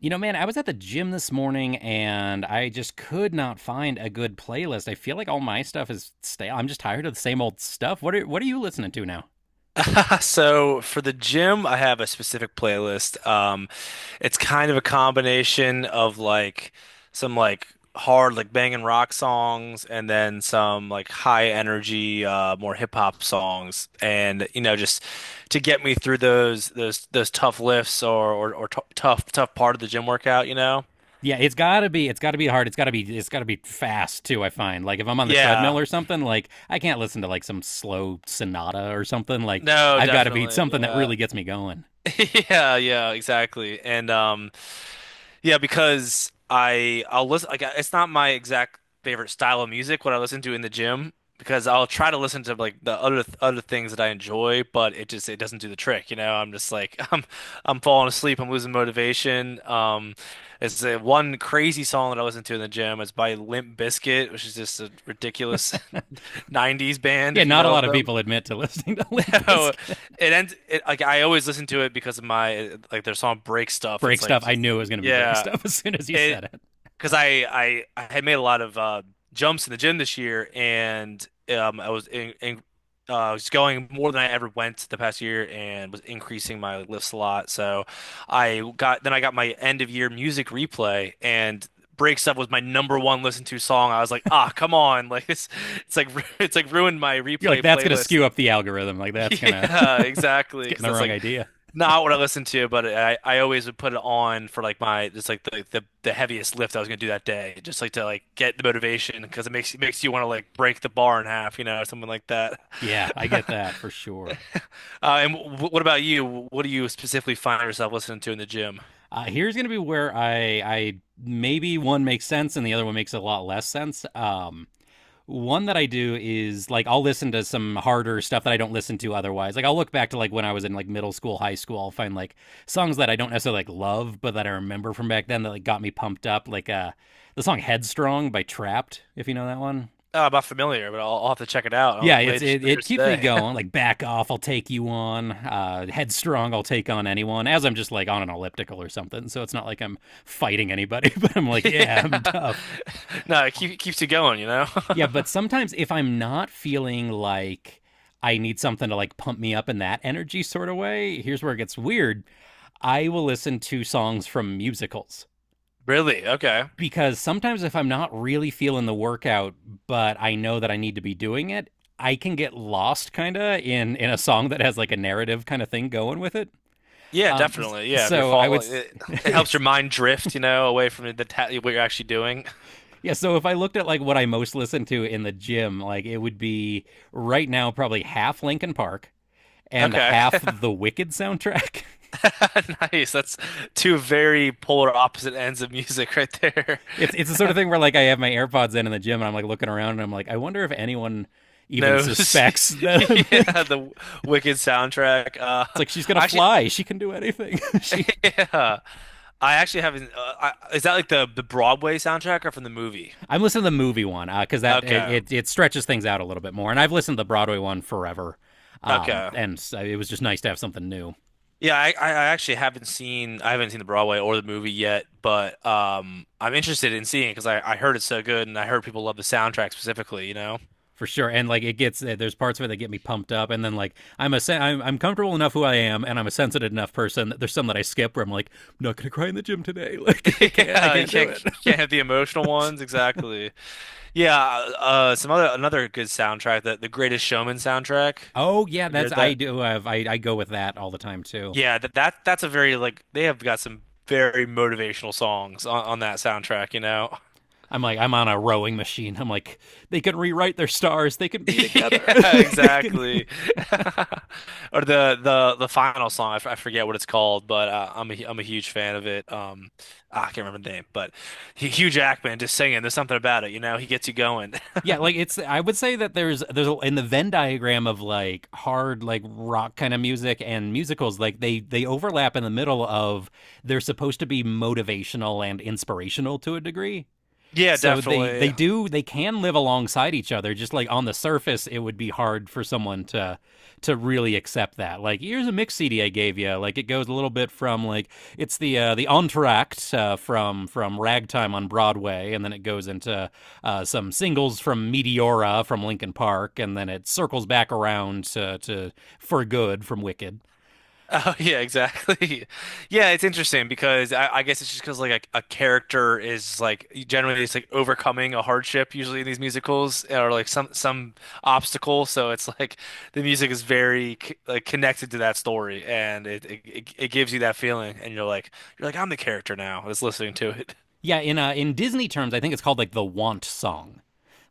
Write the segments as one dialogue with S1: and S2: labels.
S1: You know, man, I was at the gym this morning and I just could not find a good playlist. I feel like all my stuff is stale. I'm just tired of the same old stuff. What are you listening to now?
S2: So for the gym, I have a specific playlist. It's kind of a combination of like some like hard like banging rock songs and then some like high energy more hip hop songs, and you know, just to get me through those tough lifts or t tough tough part of the gym workout, you know?
S1: Yeah, it's gotta be hard. It's gotta be fast too, I find. Like if I'm on the
S2: Yeah.
S1: treadmill or something, like I can't listen to like some slow sonata or something. Like
S2: No,
S1: I've gotta be
S2: definitely.
S1: something that
S2: Yeah.
S1: really gets me going.
S2: Yeah, yeah, exactly. And yeah, because I'll listen, like it's not my exact favorite style of music what I listen to in the gym, because I'll try to listen to like the other things that I enjoy, but it just it doesn't do the trick, you know. I'm just like I'm falling asleep, I'm losing motivation. It's one crazy song that I listen to in the gym. It's by Limp Bizkit, which is just a ridiculous 90s band
S1: Yeah,
S2: if you
S1: not a
S2: know of
S1: lot of
S2: them.
S1: people admit to listening to Limp
S2: So
S1: Bizkit.
S2: it ends it, like I always listen to it because of my like their song Break Stuff. It's
S1: Break
S2: like
S1: stuff. I
S2: just
S1: knew it was gonna be break
S2: yeah.
S1: stuff as soon as you
S2: It
S1: said it.
S2: because I had made a lot of jumps in the gym this year, and I was in I was going more than I ever went the past year, and was increasing my lifts a lot. So I got my end of year music replay, and Breaks Up was my number one listened to song. I was like, ah, come on, like it's like it's like ruined my
S1: You're like,
S2: replay
S1: that's going to
S2: playlist.
S1: skew up the algorithm. Like, that's going to,
S2: Yeah,
S1: it's
S2: exactly.
S1: getting
S2: Because
S1: the
S2: that's
S1: wrong
S2: like
S1: idea.
S2: not what I listen to, but I always would put it on for like my just like the heaviest lift I was gonna do that day, just like to like get the motivation, because it makes you want to like break the bar in half, you know, or something like that.
S1: Yeah, I get that for sure.
S2: And w what about you? What do you specifically find yourself listening to in the gym?
S1: Here's going to be where I maybe one makes sense and the other one makes a lot less sense. One that I do is like I'll listen to some harder stuff that I don't listen to otherwise. Like I'll look back to like when I was in like middle school, high school, I'll find like songs that I don't necessarily like love, but that I remember from back then that like got me pumped up. Like the song Headstrong by Trapped, if you know that one.
S2: I'm not familiar, but I'll have to check it out
S1: Yeah, it's it,
S2: later
S1: it keeps me
S2: today.
S1: going. Like back off, I'll take you on. Headstrong, I'll take on anyone. As I'm just like on an elliptical or something, so it's not like I'm fighting anybody, but I'm like, yeah, I'm
S2: Yeah,
S1: tough.
S2: no, keeps you going, you know.
S1: Yeah, but sometimes if I'm not feeling like I need something to like pump me up in that energy sort of way, here's where it gets weird. I will listen to songs from musicals
S2: Really? Okay.
S1: because sometimes if I'm not really feeling the workout, but I know that I need to be doing it, I can get lost kind of in a song that has like a narrative kind of thing going with it.
S2: Yeah,
S1: Um,
S2: definitely. Yeah, if you're
S1: so I
S2: fall,
S1: would,
S2: like, it helps your
S1: it's
S2: mind drift, you know, away from the ta what you're actually doing.
S1: Yeah. So if I looked at like what I most listen to in the gym, like it would be right now probably half Linkin Park and
S2: Okay,
S1: half the Wicked soundtrack.
S2: nice. That's two very polar opposite ends of music right there.
S1: It's the sort of thing where like I have my AirPods in the gym and I'm like looking around and I'm like I wonder if anyone even
S2: No,
S1: suspects that I'm
S2: yeah,
S1: like
S2: the Wicked soundtrack.
S1: it's like she's gonna
S2: Actually,
S1: fly. She can do anything. she.
S2: yeah, I actually haven't. Is that like the Broadway soundtrack or from the movie?
S1: I'm listening to the movie one because that it,
S2: Okay,
S1: it it stretches things out a little bit more. And I've listened to the Broadway one forever,
S2: okay.
S1: and so it was just nice to have something new.
S2: Yeah, I actually haven't seen the Broadway or the movie yet, but I'm interested in seeing it because I heard it's so good, and I heard people love the soundtrack specifically, you know?
S1: For sure. And like it gets eh, there's parts of it that get me pumped up, and then like I'm comfortable enough who I am, and I'm a sensitive enough person that there's some that I skip where I'm like I'm not gonna cry in the gym today. Like I can't I
S2: Yeah, you
S1: can't do
S2: can't
S1: it.
S2: have the emotional ones, exactly. Yeah, some other another good soundtrack, that the Greatest Showman soundtrack.
S1: Oh
S2: Have
S1: yeah,
S2: you
S1: that's
S2: heard
S1: I
S2: that?
S1: do have I go with that all the time too.
S2: Yeah, that's a very like they have got some very motivational songs on that soundtrack, you know?
S1: I'm like I'm on a rowing machine. I'm like they can rewrite their stars. They can be together.
S2: Yeah,
S1: they can.
S2: exactly. Or the final song. I forget what it's called, but I'm ai am a huge fan of it. Ah, I can't remember the name, but Hugh Jackman just singing. There's something about it, you know. He gets you going.
S1: Yeah, like it's I would say that in the Venn diagram of like hard like rock kind of music and musicals like they overlap in the middle of they're supposed to be motivational and inspirational to a degree
S2: Yeah,
S1: so they they
S2: definitely.
S1: do they can live alongside each other. Just like on the surface, it would be hard for someone to really accept that. Like here's a mix CD I gave you. Like it goes a little bit from like it's the entr'acte from Ragtime on Broadway, and then it goes into some singles from Meteora from Linkin Park, and then it circles back around to For Good from Wicked.
S2: Oh yeah, exactly. Yeah, it's interesting because I guess it's just because like a character is like generally it's like overcoming a hardship usually in these musicals or like some obstacle. So it's like the music is very like connected to that story, and it gives you that feeling and you're like I'm the character now that's listening to it.
S1: Yeah, in Disney terms, I think it's called like the want song.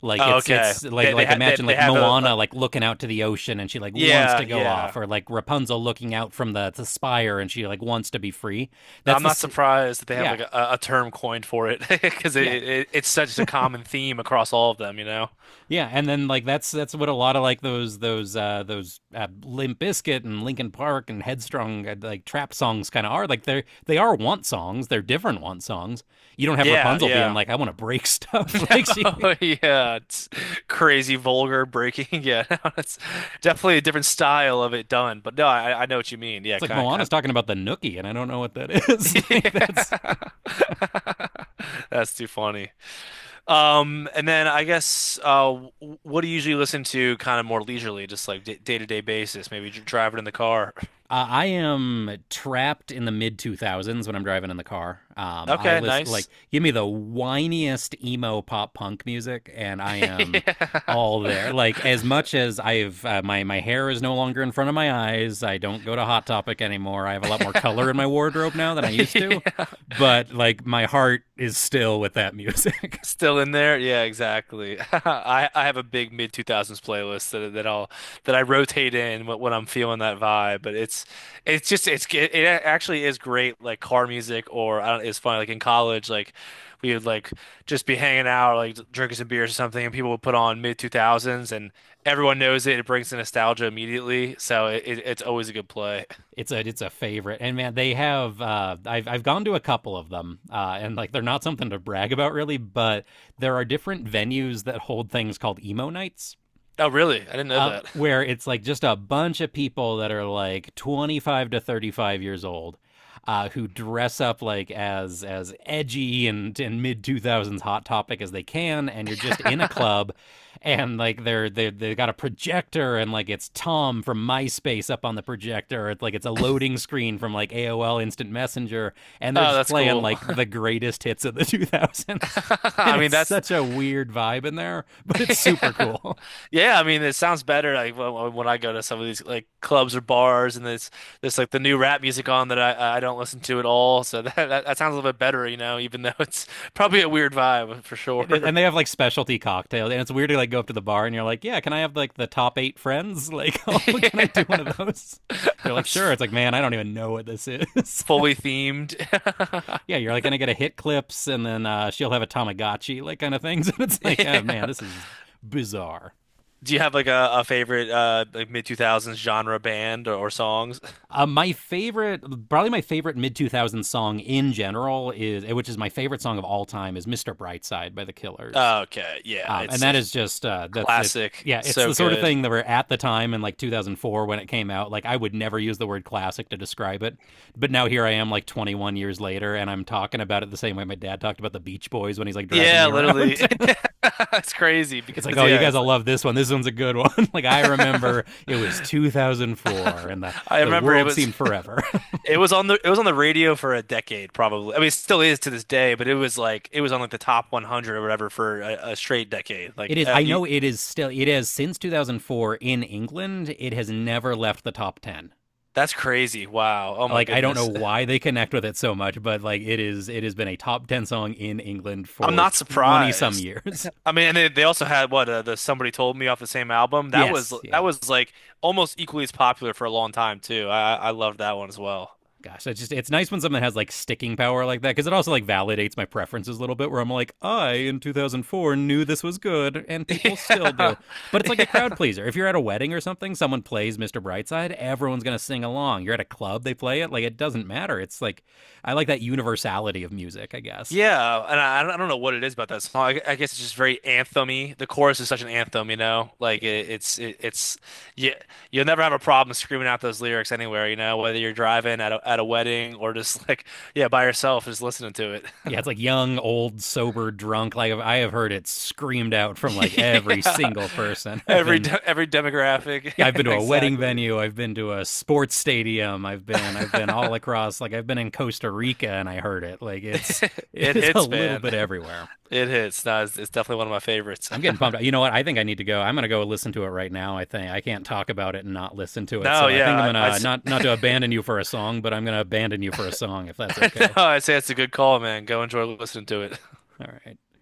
S1: Like
S2: Oh,
S1: it's
S2: okay,
S1: it's like like imagine
S2: they
S1: like
S2: have a
S1: Moana like looking out to the ocean and she like wants
S2: yeah,
S1: to go off,
S2: yeah.
S1: or like Rapunzel looking out from the spire and she like wants to be free. That's
S2: I'm
S1: the
S2: not
S1: s-
S2: surprised that they have
S1: yeah
S2: like a term coined for it because
S1: yeah
S2: it's such a common theme across all of them, you know?
S1: Yeah, and then like that's what a lot of like those Limp Bizkit and Linkin Park and Headstrong like trap songs kind of are. Like they are want songs. They're different want songs. You don't have
S2: Yeah,
S1: Rapunzel being
S2: yeah.
S1: like I want to break stuff. like she.
S2: Yeah, it's crazy, vulgar, breaking. Yeah, no, it's definitely a different style of it done. But no, I know what you mean. Yeah,
S1: It's like
S2: kind.
S1: Moana's talking about the Nookie, and I don't know what that is. like that's.
S2: Yeah. That's too funny. And then I guess w- What do you usually listen to, kind of more leisurely, just like d day-to-day basis? Maybe driving in the car.
S1: I am trapped in the mid two thousands when I'm driving in the car. I
S2: Okay,
S1: listen like
S2: nice.
S1: give me the whiniest emo pop punk music, and I am
S2: Yeah.
S1: all there. Like as much as I've my hair is no longer in front of my eyes. I don't go to Hot Topic anymore. I have a lot more color in my wardrobe now than I used to,
S2: Yeah.
S1: but like my heart is still with that music.
S2: Still in there? Yeah, exactly. I have a big mid 2000s playlist that I'll that I rotate in when I'm feeling that vibe, but it's just it actually is great like car music. Or I don't, it's funny like in college like we would like just be hanging out like drinking some beers or something, and people would put on mid 2000s and everyone knows it, it brings the nostalgia immediately, so it's always a good play.
S1: It's a favorite, and man, they have. I've gone to a couple of them, and like they're not something to brag about really, but there are different venues that hold things called emo nights,
S2: Oh, really? I didn't know that.
S1: where it's like just a bunch of people that are like 25 to 35 years old who dress up like as edgy and mid 2000s hot topic as they can and you're just in a club and like they got a projector and like it's Tom from MySpace up on the projector it's like it's a loading screen from like AOL Instant Messenger and they're
S2: Oh,
S1: just
S2: that's
S1: playing
S2: cool.
S1: like the greatest hits of the 2000s and
S2: I mean
S1: it's
S2: that's
S1: such a weird vibe in there but it's super cool.
S2: yeah, I mean it sounds better like when I go to some of these like clubs or bars, and there's like the new rap music on, that I don't listen to at all, so that sounds a little bit better, you know, even though it's probably a weird vibe for
S1: It is,
S2: sure.
S1: and they have like specialty cocktails, and it's weird to like go up to the bar and you're like, "Yeah, can I have like the top eight friends? Like, oh, can I do one
S2: Yeah.
S1: of those?" They're like,
S2: it's
S1: "Sure."
S2: f-
S1: It's like, man, I don't even know what this is.
S2: Fully themed.
S1: Yeah, you're like gonna get a hit clips, and then she'll have a Tamagotchi, like kind of things, and it's like, oh man,
S2: Yeah.
S1: this is bizarre.
S2: Do you have like a favorite like mid 2000s genre band or songs?
S1: Uh, my favorite, Probably my favorite mid 2000s song in general is, which is my favorite song of all time, is "Mr. Brightside" by the Killers.
S2: Okay, yeah,
S1: And that is
S2: it's
S1: just that's it.
S2: classic,
S1: Yeah, it's
S2: so
S1: the sort of
S2: good.
S1: thing that were at the time in like 2004 when it came out. Like I would never use the word classic to describe it, but now here I am, like 21 years later, and I'm talking about it the same way my dad talked about the Beach Boys when he's like driving
S2: Yeah,
S1: me
S2: literally.
S1: around.
S2: It's crazy
S1: it's like,
S2: because
S1: oh, you
S2: yeah,
S1: guys
S2: it's
S1: all
S2: like
S1: love this one. This one's a good one. like I remember it was 2004, and the
S2: I
S1: the
S2: remember it
S1: world
S2: was
S1: seemed forever.
S2: it was on the it was on the radio for a decade probably. I mean, it still is to this day, but it was like it was on like the top 100 or whatever for a straight decade.
S1: it
S2: Like
S1: is. I
S2: you,
S1: know it is still. It is since 2004 in England. It has never left the top 10.
S2: that's crazy. Wow. Oh my
S1: Like I don't know
S2: goodness.
S1: why they connect with it so much, but like it is it has been a top 10 song in England
S2: I'm
S1: for
S2: not
S1: 20 some
S2: surprised.
S1: years.
S2: I mean, and they also had what, the Somebody Told Me off the same album. That was
S1: yes, yeah.
S2: like almost equally as popular for a long time too. I loved that one as well.
S1: Gosh, it's just it's nice when something has like sticking power like that because it also like validates my preferences a little bit where I'm like, I in 2004 knew this was good and people still
S2: Yeah.
S1: do. But it's like a crowd
S2: Yeah.
S1: pleaser. If you're at a wedding or something, someone plays Mr. Brightside, everyone's going to sing along. You're at a club, they play it, like it doesn't matter. It's like I like that universality of music, I guess.
S2: Yeah, and I don't know what it is about that song. I guess it's just very anthem-y. The chorus is such an anthem, you know? Like
S1: Yeah.
S2: it's you, you'll never have a problem screaming out those lyrics anywhere, you know, whether you're driving at a wedding or just like yeah, by yourself just listening to it.
S1: Yeah, it's like young, old, sober, drunk. Like I have heard it screamed out from like every
S2: Yeah.
S1: single person. I've been
S2: Every demographic.
S1: yeah, I've been to a wedding
S2: Exactly.
S1: venue, I've been to a sports stadium, I've been all across like I've been in Costa Rica and I heard it. Like it's it
S2: It
S1: is a
S2: hits,
S1: little bit
S2: man.
S1: everywhere.
S2: It hits. No, it's definitely one of my favorites.
S1: I'm getting pumped. You know what? I think I need to go. I'm gonna go listen to it right now. I think I can't talk about it and not listen to it.
S2: No,
S1: So I think I'm
S2: yeah,
S1: gonna not not to abandon you for a song, but I'm gonna abandon you for a song if that's
S2: no,
S1: okay.
S2: I say it's a good call, man. Go enjoy listening to it.
S1: All right.